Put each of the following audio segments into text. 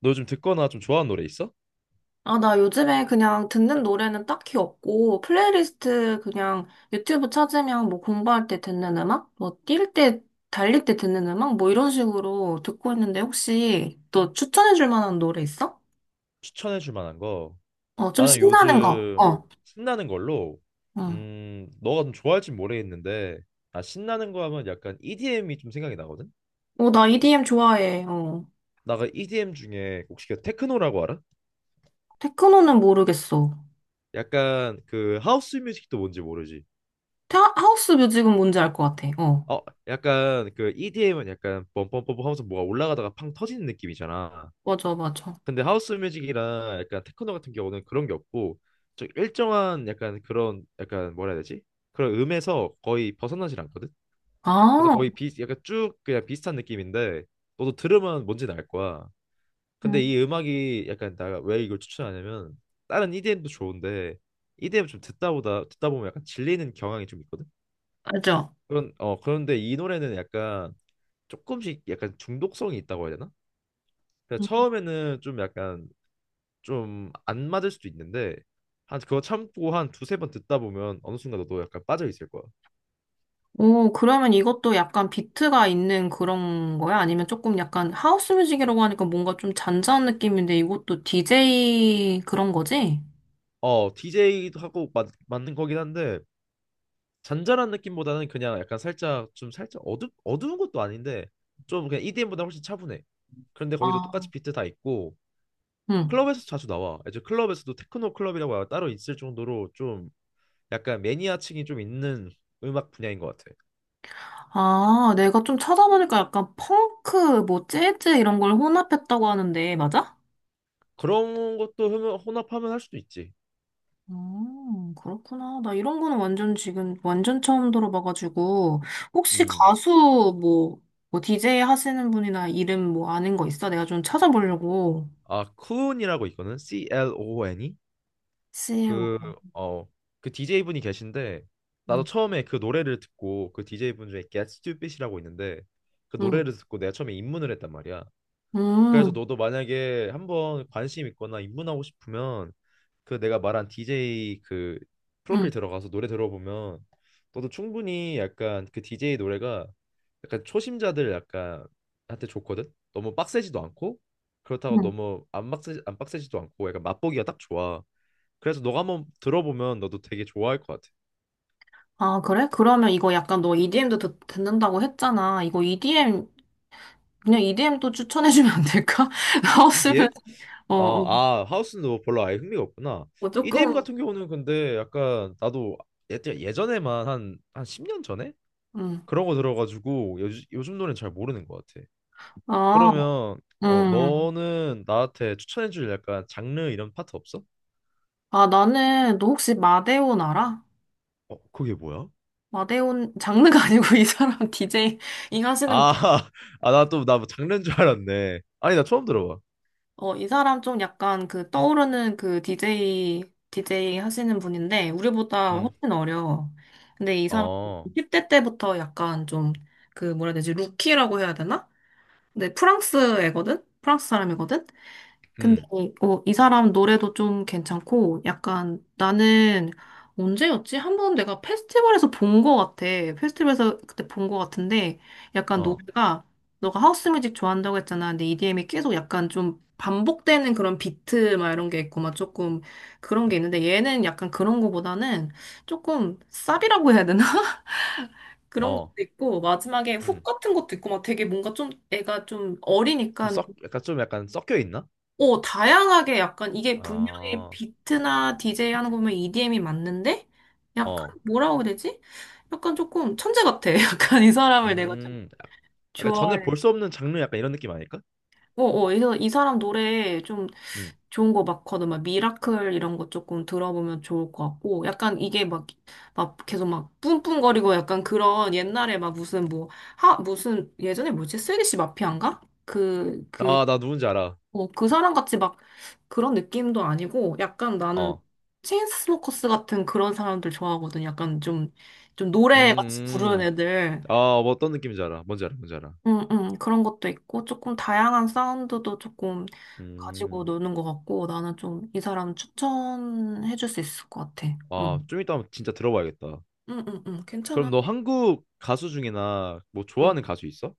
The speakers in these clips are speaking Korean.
너 요즘 듣거나 좀 좋아하는 노래 있어? 아, 나 요즘에 그냥 듣는 노래는 딱히 없고, 플레이리스트 그냥 유튜브 찾으면 뭐 공부할 때 듣는 음악? 뭐 뛸 때, 달릴 때 듣는 음악? 뭐 이런 식으로 듣고 있는데 혹시 너 추천해 줄 만한 노래 있어? 추천해 줄 만한 거. 어, 좀 나는 신나는 거. 요즘 어. 신나는 걸로. 응. 너가 좀 좋아할지 모르겠는데 나 신나는 거 하면 약간 EDM이 좀 생각이 나거든. 어, 나 EDM 좋아해. 어. 나가 EDM 중에 혹시 그 테크노라고 알아? 테크노는 모르겠어. 약간 그 하우스 뮤직도 뭔지 모르지. 타, 하우스 뮤직은 뭔지 알 것 같아. 어. 어, 약간 그 EDM은 약간 뻔뻔뻔뻔 하면서 뭐가 올라가다가 팡 터지는 느낌이잖아. 맞아, 맞아. 근데 하우스 뮤직이랑 약간 테크노 같은 경우는 그런 게 없고 좀 일정한 약간 그런 약간 뭐라 해야 되지? 그런 음에서 거의 벗어나질 않거든. 그래서 아, 거의 비 약간 쭉 그냥 비슷한 느낌인데 너도 들으면 뭔지는 알 거야. 응. 근데 이 음악이 약간 내가 왜 이걸 추천하냐면 다른 EDM도 좋은데 EDM 좀 듣다 보면 약간 질리는 경향이 좀 있거든. 알죠? 그런 그런데 이 노래는 약간 조금씩 약간 중독성이 있다고 해야 되나? 그 처음에는 좀 약간 좀 안 맞을 수도 있는데 한 그거 참고 한 두세 번 듣다 보면 어느 순간 너도 약간 빠져 있을 거야. 오, 그러면 이것도 약간 비트가 있는 그런 거야? 아니면 조금 약간 하우스 뮤직이라고 하니까 뭔가 좀 잔잔한 느낌인데 이것도 DJ 그런 거지? 어, DJ도 하고 맞는 거긴 한데 잔잔한 느낌보다는 그냥 약간 살짝 좀 살짝 어두운 것도 아닌데 좀 그냥 EDM보다 훨씬 차분해. 그런데 거기도 아, 똑같이 비트 다 있고 응. 클럽에서 자주 나와. 이제 클럽에서도 테크노 클럽이라고 따로 있을 정도로 좀 약간 매니아층이 좀 있는 음악 분야인 것 같아. 아, 내가 좀 찾아보니까 약간 펑크, 뭐 재즈 이런 걸 혼합했다고 하는데, 맞아? 그런 것도 혼합하면 할 수도 있지. 그렇구나. 나 이런 거는 완전 지금 완전 처음 들어봐가지고, 혹시 음. 가수 뭐, 뭐 DJ 하시는 분이나 이름 뭐 아는 거 있어? 내가 좀 찾아보려고. 아, 쿤이라고 있거든. C-L-O-N이. 글쎄. 그, 어, 그 DJ분이 계신데, 나도 처음에 그 노래를 듣고, 그 DJ분 중에 Get Stupid이라고 있는데, 그 응, 노래를 듣고 내가 처음에 입문을 했단 말이야. 그래서 음, 너도 만약에 한번 관심 있거나 입문하고 싶으면, 그 내가 말한 DJ 그 프로필 음, 들어가서 노래 들어보면 너도 충분히 약간 그 DJ 노래가 약간 초심자들 약간 한테 좋거든. 너무 빡세지도 않고 그렇다고 음. 너무 안 빡세지도 않고 약간 맛보기가 딱 좋아. 그래서 너가 한번 들어보면 너도 되게 좋아할 것 같아. 아, 그래? 그러면 이거 약간 너 EDM도 듣는다고 했잖아. 이거 EDM, 그냥 EDM도 추천해주면 안 될까? 나왔으면, EDM? 어, 아, 어, 아 하우스는 너 별로 아예 흥미가 없구나. 어, EDM 조금, 같은 경우는 근데 약간 나도 예전에만 한 10년 전에 음. 그런 거 들어가지고 요즘 노래는 잘 모르는 것 같아. 아, 그러면 음. 너는 나한테 추천해줄 약간 장르 이런 파트 없어? 아, 나는, 너 혹시 마데온 알아? 어, 그게 뭐야? 마데온, 장르가 아니고 이 사람 DJ, 이 하시는. 아, 아, 나 또, 나뭐 장르인 줄 알았네. 아니, 나 처음 들어봐. 어, 이 사람 좀 약간 그 떠오르는 그 DJ 하시는 분인데, 우리보다 음, 훨씬 어려워. 근데 이 사람 어, 10대 때부터 약간 좀 그 뭐라 해야 되지, 루키라고 해야 되나? 근데 프랑스 애거든? 프랑스 사람이거든? 근데 음, 어, 이 사람 노래도 좀 괜찮고 약간 나는 언제였지? 한 번 내가 페스티벌에서 본 거 같아. 페스티벌에서 그때 본 거 같은데 약간 어, 노래가, 너가 하우스 뮤직 좋아한다고 했잖아. 근데 EDM이 계속 약간 좀 반복되는 그런 비트 막 이런 게 있고 막 조금 그런 게 있는데 얘는 약간 그런 거보다는 조금 쌉이라고 해야 되나? 그런 것도 어, 있고 마지막에 훅 음. 같은 것도 있고 막 되게 뭔가 좀 애가 좀 어리니까 약간 좀 약간 섞여 있나? 어, 다양하게 약간 이게 분명히 아, 비트나 디제이 하는 거 보면 EDM이 맞는데 어, 약간 뭐라고 해야 되지? 약간 조금 천재 같아. 약간 이 사람을 내가 좀 음. 약간 전에 좋아해. 볼 수 없는 장르 약간 이런 느낌 아닐까? 어, 어, 그래서 이 사람 노래 좀 음. 좋은 거 많거든. 막 미라클 이런 거 조금 들어보면 좋을 것 같고 약간 이게 막, 막 계속 막 뿜뿜거리고 약간 그런 옛날에 막 무슨 뭐 하, 무슨 예전에 뭐지? 슬기씨 마피아인가? 그 아, 나 누군지 알아. 어, 그 사람 같이 막 그런 느낌도 아니고 약간 나는 어, 체인스모커스 같은 그런 사람들 좋아하거든. 약간 좀, 좀 노래 같이 부르는 음. 애들. 아, 뭐 어떤 느낌인지 알아. 뭔지 알아, 뭔지 알아. 응, 응, 그런 것도 있고 조금 다양한 사운드도 조금 가지고 음. 노는 것 같고 나는 좀 이 사람 추천해 줄 수 있을 것 같아. 아, 응, 좀 이따 한번 진짜 들어봐야겠다. 응, 응, 응, 괜찮아. 그럼 너 한국 가수 중이나 뭐 응. 좋아하는 가수 있어?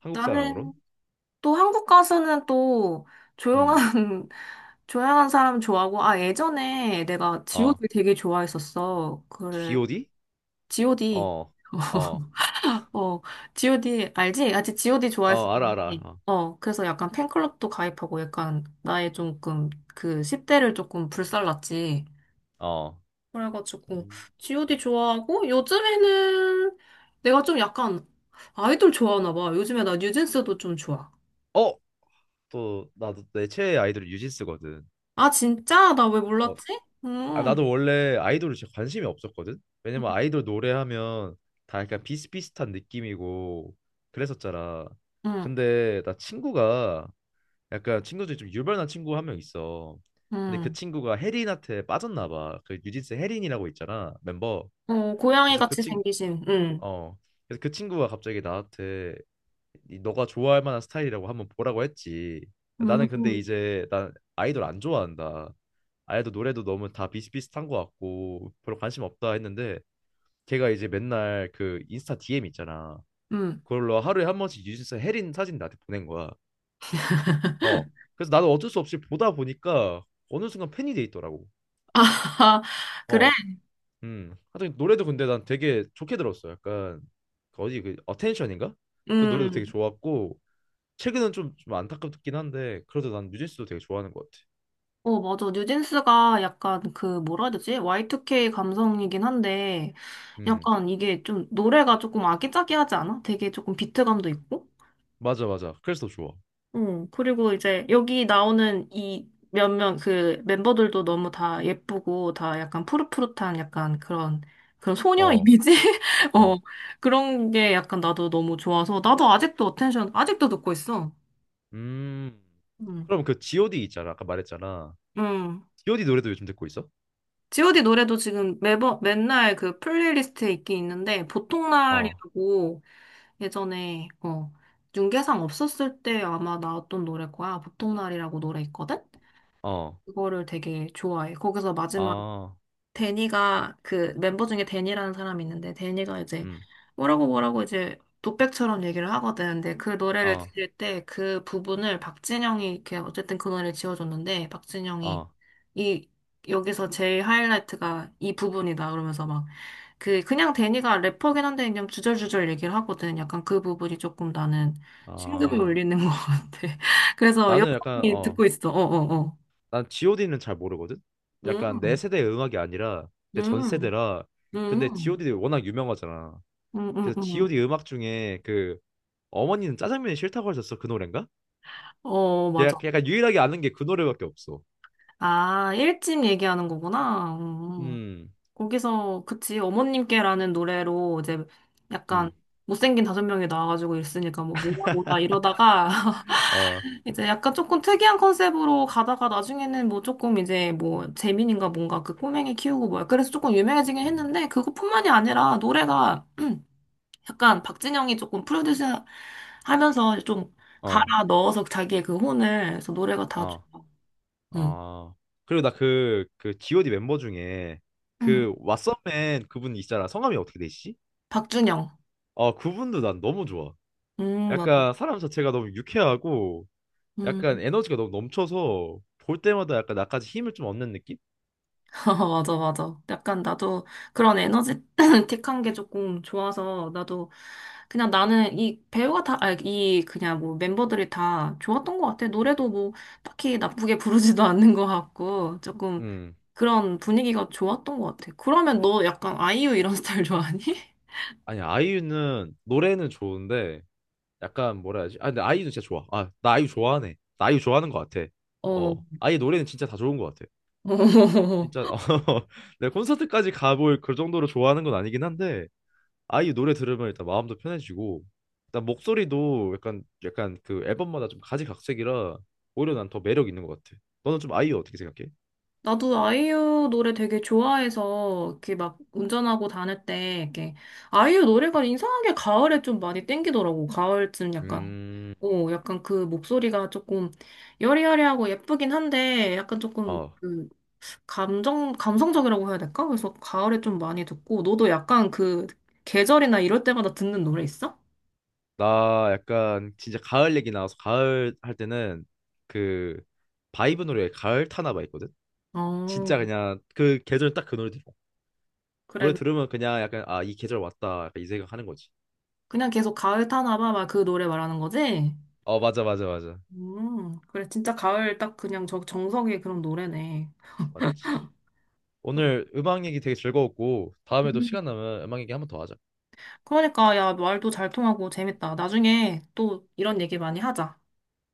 한국 사람으로? 나는 또 한국 가수는 또 조용한, 음. 조용한 사람 좋아하고, 아, 예전에 내가 어. G.O.D 되게 좋아했었어. 그래, G.O.D? G.O.D. 어. 어. 어, G.O.D 알지? 아직 G.O.D 어, 알아 좋아했었는데, 알아. 어, 그래서 약간 팬클럽도 가입하고 약간 나의 조금 그 10대를 조금 불살랐지. 어. 어. 그래가지고 음. G.O.D 좋아하고 요즘에는 내가 좀 약간 아이돌 좋아하나 봐. 요즘에 나 뉴진스도 좀 좋아. 어, 또 나도 내 최애 아이돌이 뉴진스거든. 아, 진짜? 나 왜 어. 몰랐지? 아, 응, 나도 원래 아이돌에 진짜 관심이 없었거든. 왜냐면 아이돌 노래하면 다 약간 비슷비슷한 느낌이고 그랬었잖아. 응, 근데 나 친구가 약간 친구 중에 좀 유별난 친구 한 명 있어. 근데 그 응, 친구가 혜린한테 빠졌나 봐. 그 뉴진스 혜린이라고 있잖아, 멤버. 어, 고양이 그래서 그 같이 친, 생기신, 응, 어, 그래서 그 친구가 갑자기 나한테 이 너가 좋아할 만한 스타일이라고 한번 보라고 했지. 음, 나는 근데 이제 난 아이돌 안 좋아한다. 아이돌 노래도 너무 다 비슷비슷한 것 같고 별로 관심 없다 했는데 걔가 이제 맨날 그 인스타 DM 있잖아. 음. 그걸로 하루에 한 번씩 뉴진스 혜린 사진 나한테 보낸 거야. 어. 그래서 나는 어쩔 수 없이 보다 보니까 어느 순간 팬이 돼 있더라고. 아, 그래? 어. 음. 하여튼 노래도 근데 난 되게 좋게 들었어. 약간 그 어디 그 어텐션인가? 그 노래도 음. 되게 좋았고 최근은 좀 안타깝긴 한데 그래도 난 뉴진스도 되게 좋아하는 것 같아. 어, 맞아. 뉴진스가 약간 그, 뭐라 해야 되지, Y2K 감성이긴 한데, 음. 약간 이게 좀, 노래가 조금 아기자기하지 않아? 되게 조금 비트감도 있고? 맞아 맞아. 그래서 더 좋아. 응, 그리고 이제 여기 나오는 이 몇몇 그 멤버들도 너무 다 예쁘고 다 약간 푸릇푸릇한 약간 그런 그런 소녀 어. 이미지? 어, 어. 그런 게 약간 나도 너무 좋아서 나도 아직도 어텐션 아직도 듣고 있어. 음. 응, 그럼 그 G.O.D 있잖아. 아까 말했잖아. 응. G.O.D 노래도 요즘 듣고 있어? G.O.D 노래도 지금 매번 맨날 그 플레이리스트에 있긴 있는데 보통 어. 날이라고, 예전에 어 윤계상 없었을 때 아마 나왔던 노래 거야. 보통 날이라고 노래 있거든? 어. 그거를 되게 좋아해. 거기서 마지막 아. 데니가, 그 멤버 중에 데니라는 사람이 있는데 데니가 이제 음. 뭐라고 뭐라고 이제 독백처럼 얘기를 하거든. 근데 그 노래를 아. 들을 때 그 부분을 박진영이 이렇게 어쨌든 그 노래를 지어줬는데 박진영이 아. 이 여기서 제일 하이라이트가 이 부분이다 그러면서 막 그 그냥 데니가 래퍼긴 한데 그냥 주절주절 얘기를 하거든. 약간 그 부분이 조금 나는 심금을 아. 울리는 것 같아. 그래서 나는 약간 여성이 어. 듣고 있어. 어어어. 난 G.O.D는 잘 모르거든. 약간 내 음, 세대의 음악이 아니라 내 전 음, 세대라. 근데 음. G.O.D 워낙 유명하잖아. 음, 음, 그래서 음, 음. G.O.D 음악 중에 그 어머니는 짜장면이 싫다고 하셨어 그 노래인가? 어, 맞아. 약간 유일하게 아는 게 그 노래밖에 없어. 아, 일집 얘기하는 거구나. 음. 음, 거기서, 그치, 어머님께라는 노래로 이제 약간 음, 못생긴 다섯 명이 나와가지고 있으니까 뭐 뭐야 뭐야 이러다가 어, 이제 약간 조금 특이한 컨셉으로 가다가 나중에는 뭐 조금 이제 뭐 재민인가 뭔가 그 꼬맹이 키우고 뭐야. 그래서 조금 유명해지긴 음, 했는데 그것뿐만이 아니라 노래가 약간 박진영이 조금 프로듀스 하면서 좀 어, 갈아 넣어서 자기의 그 혼을, 그래서 노래가 다 어, 좋아. 음. 어. 그리고 나 그 G.O.D 멤버 중에 그 왓썸맨 그분 있잖아. 성함이 어떻게 되시지? 박준영. 어, 그분도 난 너무 좋아. 맞아. 약간 사람 자체가 너무 유쾌하고 약간 음. 에너지가 너무 넘쳐서 볼 때마다 약간 나까지 힘을 좀 얻는 느낌? 아, 맞아, 맞아. 약간 나도 그런 에너지틱한 게 조금 좋아서 나도 그냥 나는, 이 배우가 다, 아, 이 그냥 뭐 멤버들이 다 좋았던 것 같아. 노래도 뭐 딱히 나쁘게 부르지도 않는 것 같고 조금 음. 그런 분위기가 좋았던 것 같아. 그러면 너 약간 아이유 이런 스타일 좋아하니? 아니 아이유는 노래는 좋은데 약간 뭐라 해야지? 아 근데 아이유는 진짜 좋아. 아 나 아이유 좋아하네. 나 아이유 좋아하는 것 같아. 어. 어 아이유 노래는 진짜 다 좋은 것 같아. 진짜 어, 내가 콘서트까지 가볼 그 정도로 좋아하는 건 아니긴 한데 아이유 노래 들으면 일단 마음도 편해지고 일단 목소리도 약간 그 앨범마다 좀 가지각색이라 오히려 난 더 매력 있는 것 같아. 너는 좀 아이유 어떻게 생각해? 나도 아이유 노래 되게 좋아해서 이렇게 막 운전하고 다닐 때 이렇게 아이유 노래가 이상하게 가을에 좀 많이 땡기더라고. 가을쯤 약간. 어. 음. 오 약간 그 목소리가 조금 여리여리하고 예쁘긴 한데 약간 조금 어. 그 감정 감성적이라고 해야 될까? 그래서 가을에 좀 많이 듣고 너도 약간 그 계절이나 이럴 때마다 듣는 노래 있어? 나 약간 진짜 가을 얘기 나와서 가을 할 때는 그 바이브 노래 가을 타나봐 있거든. 진짜 어 그냥 그 계절 딱 그 노래 들어. 노래 그래. 들으면 그냥 약간 아 이 계절 왔다 약간 이 생각 하는 거지. 그냥 계속 가을 타나 봐 막 그 노래 말하는 거지? 어 맞아 맞아 맞아 그래, 진짜 가을 딱 그냥 저 정석의 그런 노래네. 맞지. 오늘 음악 얘기 되게 즐거웠고 다음에도 음. 시간 나면 음악 얘기 한번 더 하자. 그러니까, 야, 말도 잘 통하고 재밌다. 나중에 또 이런 얘기 많이 하자.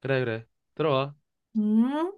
그래 그래 들어가. 음?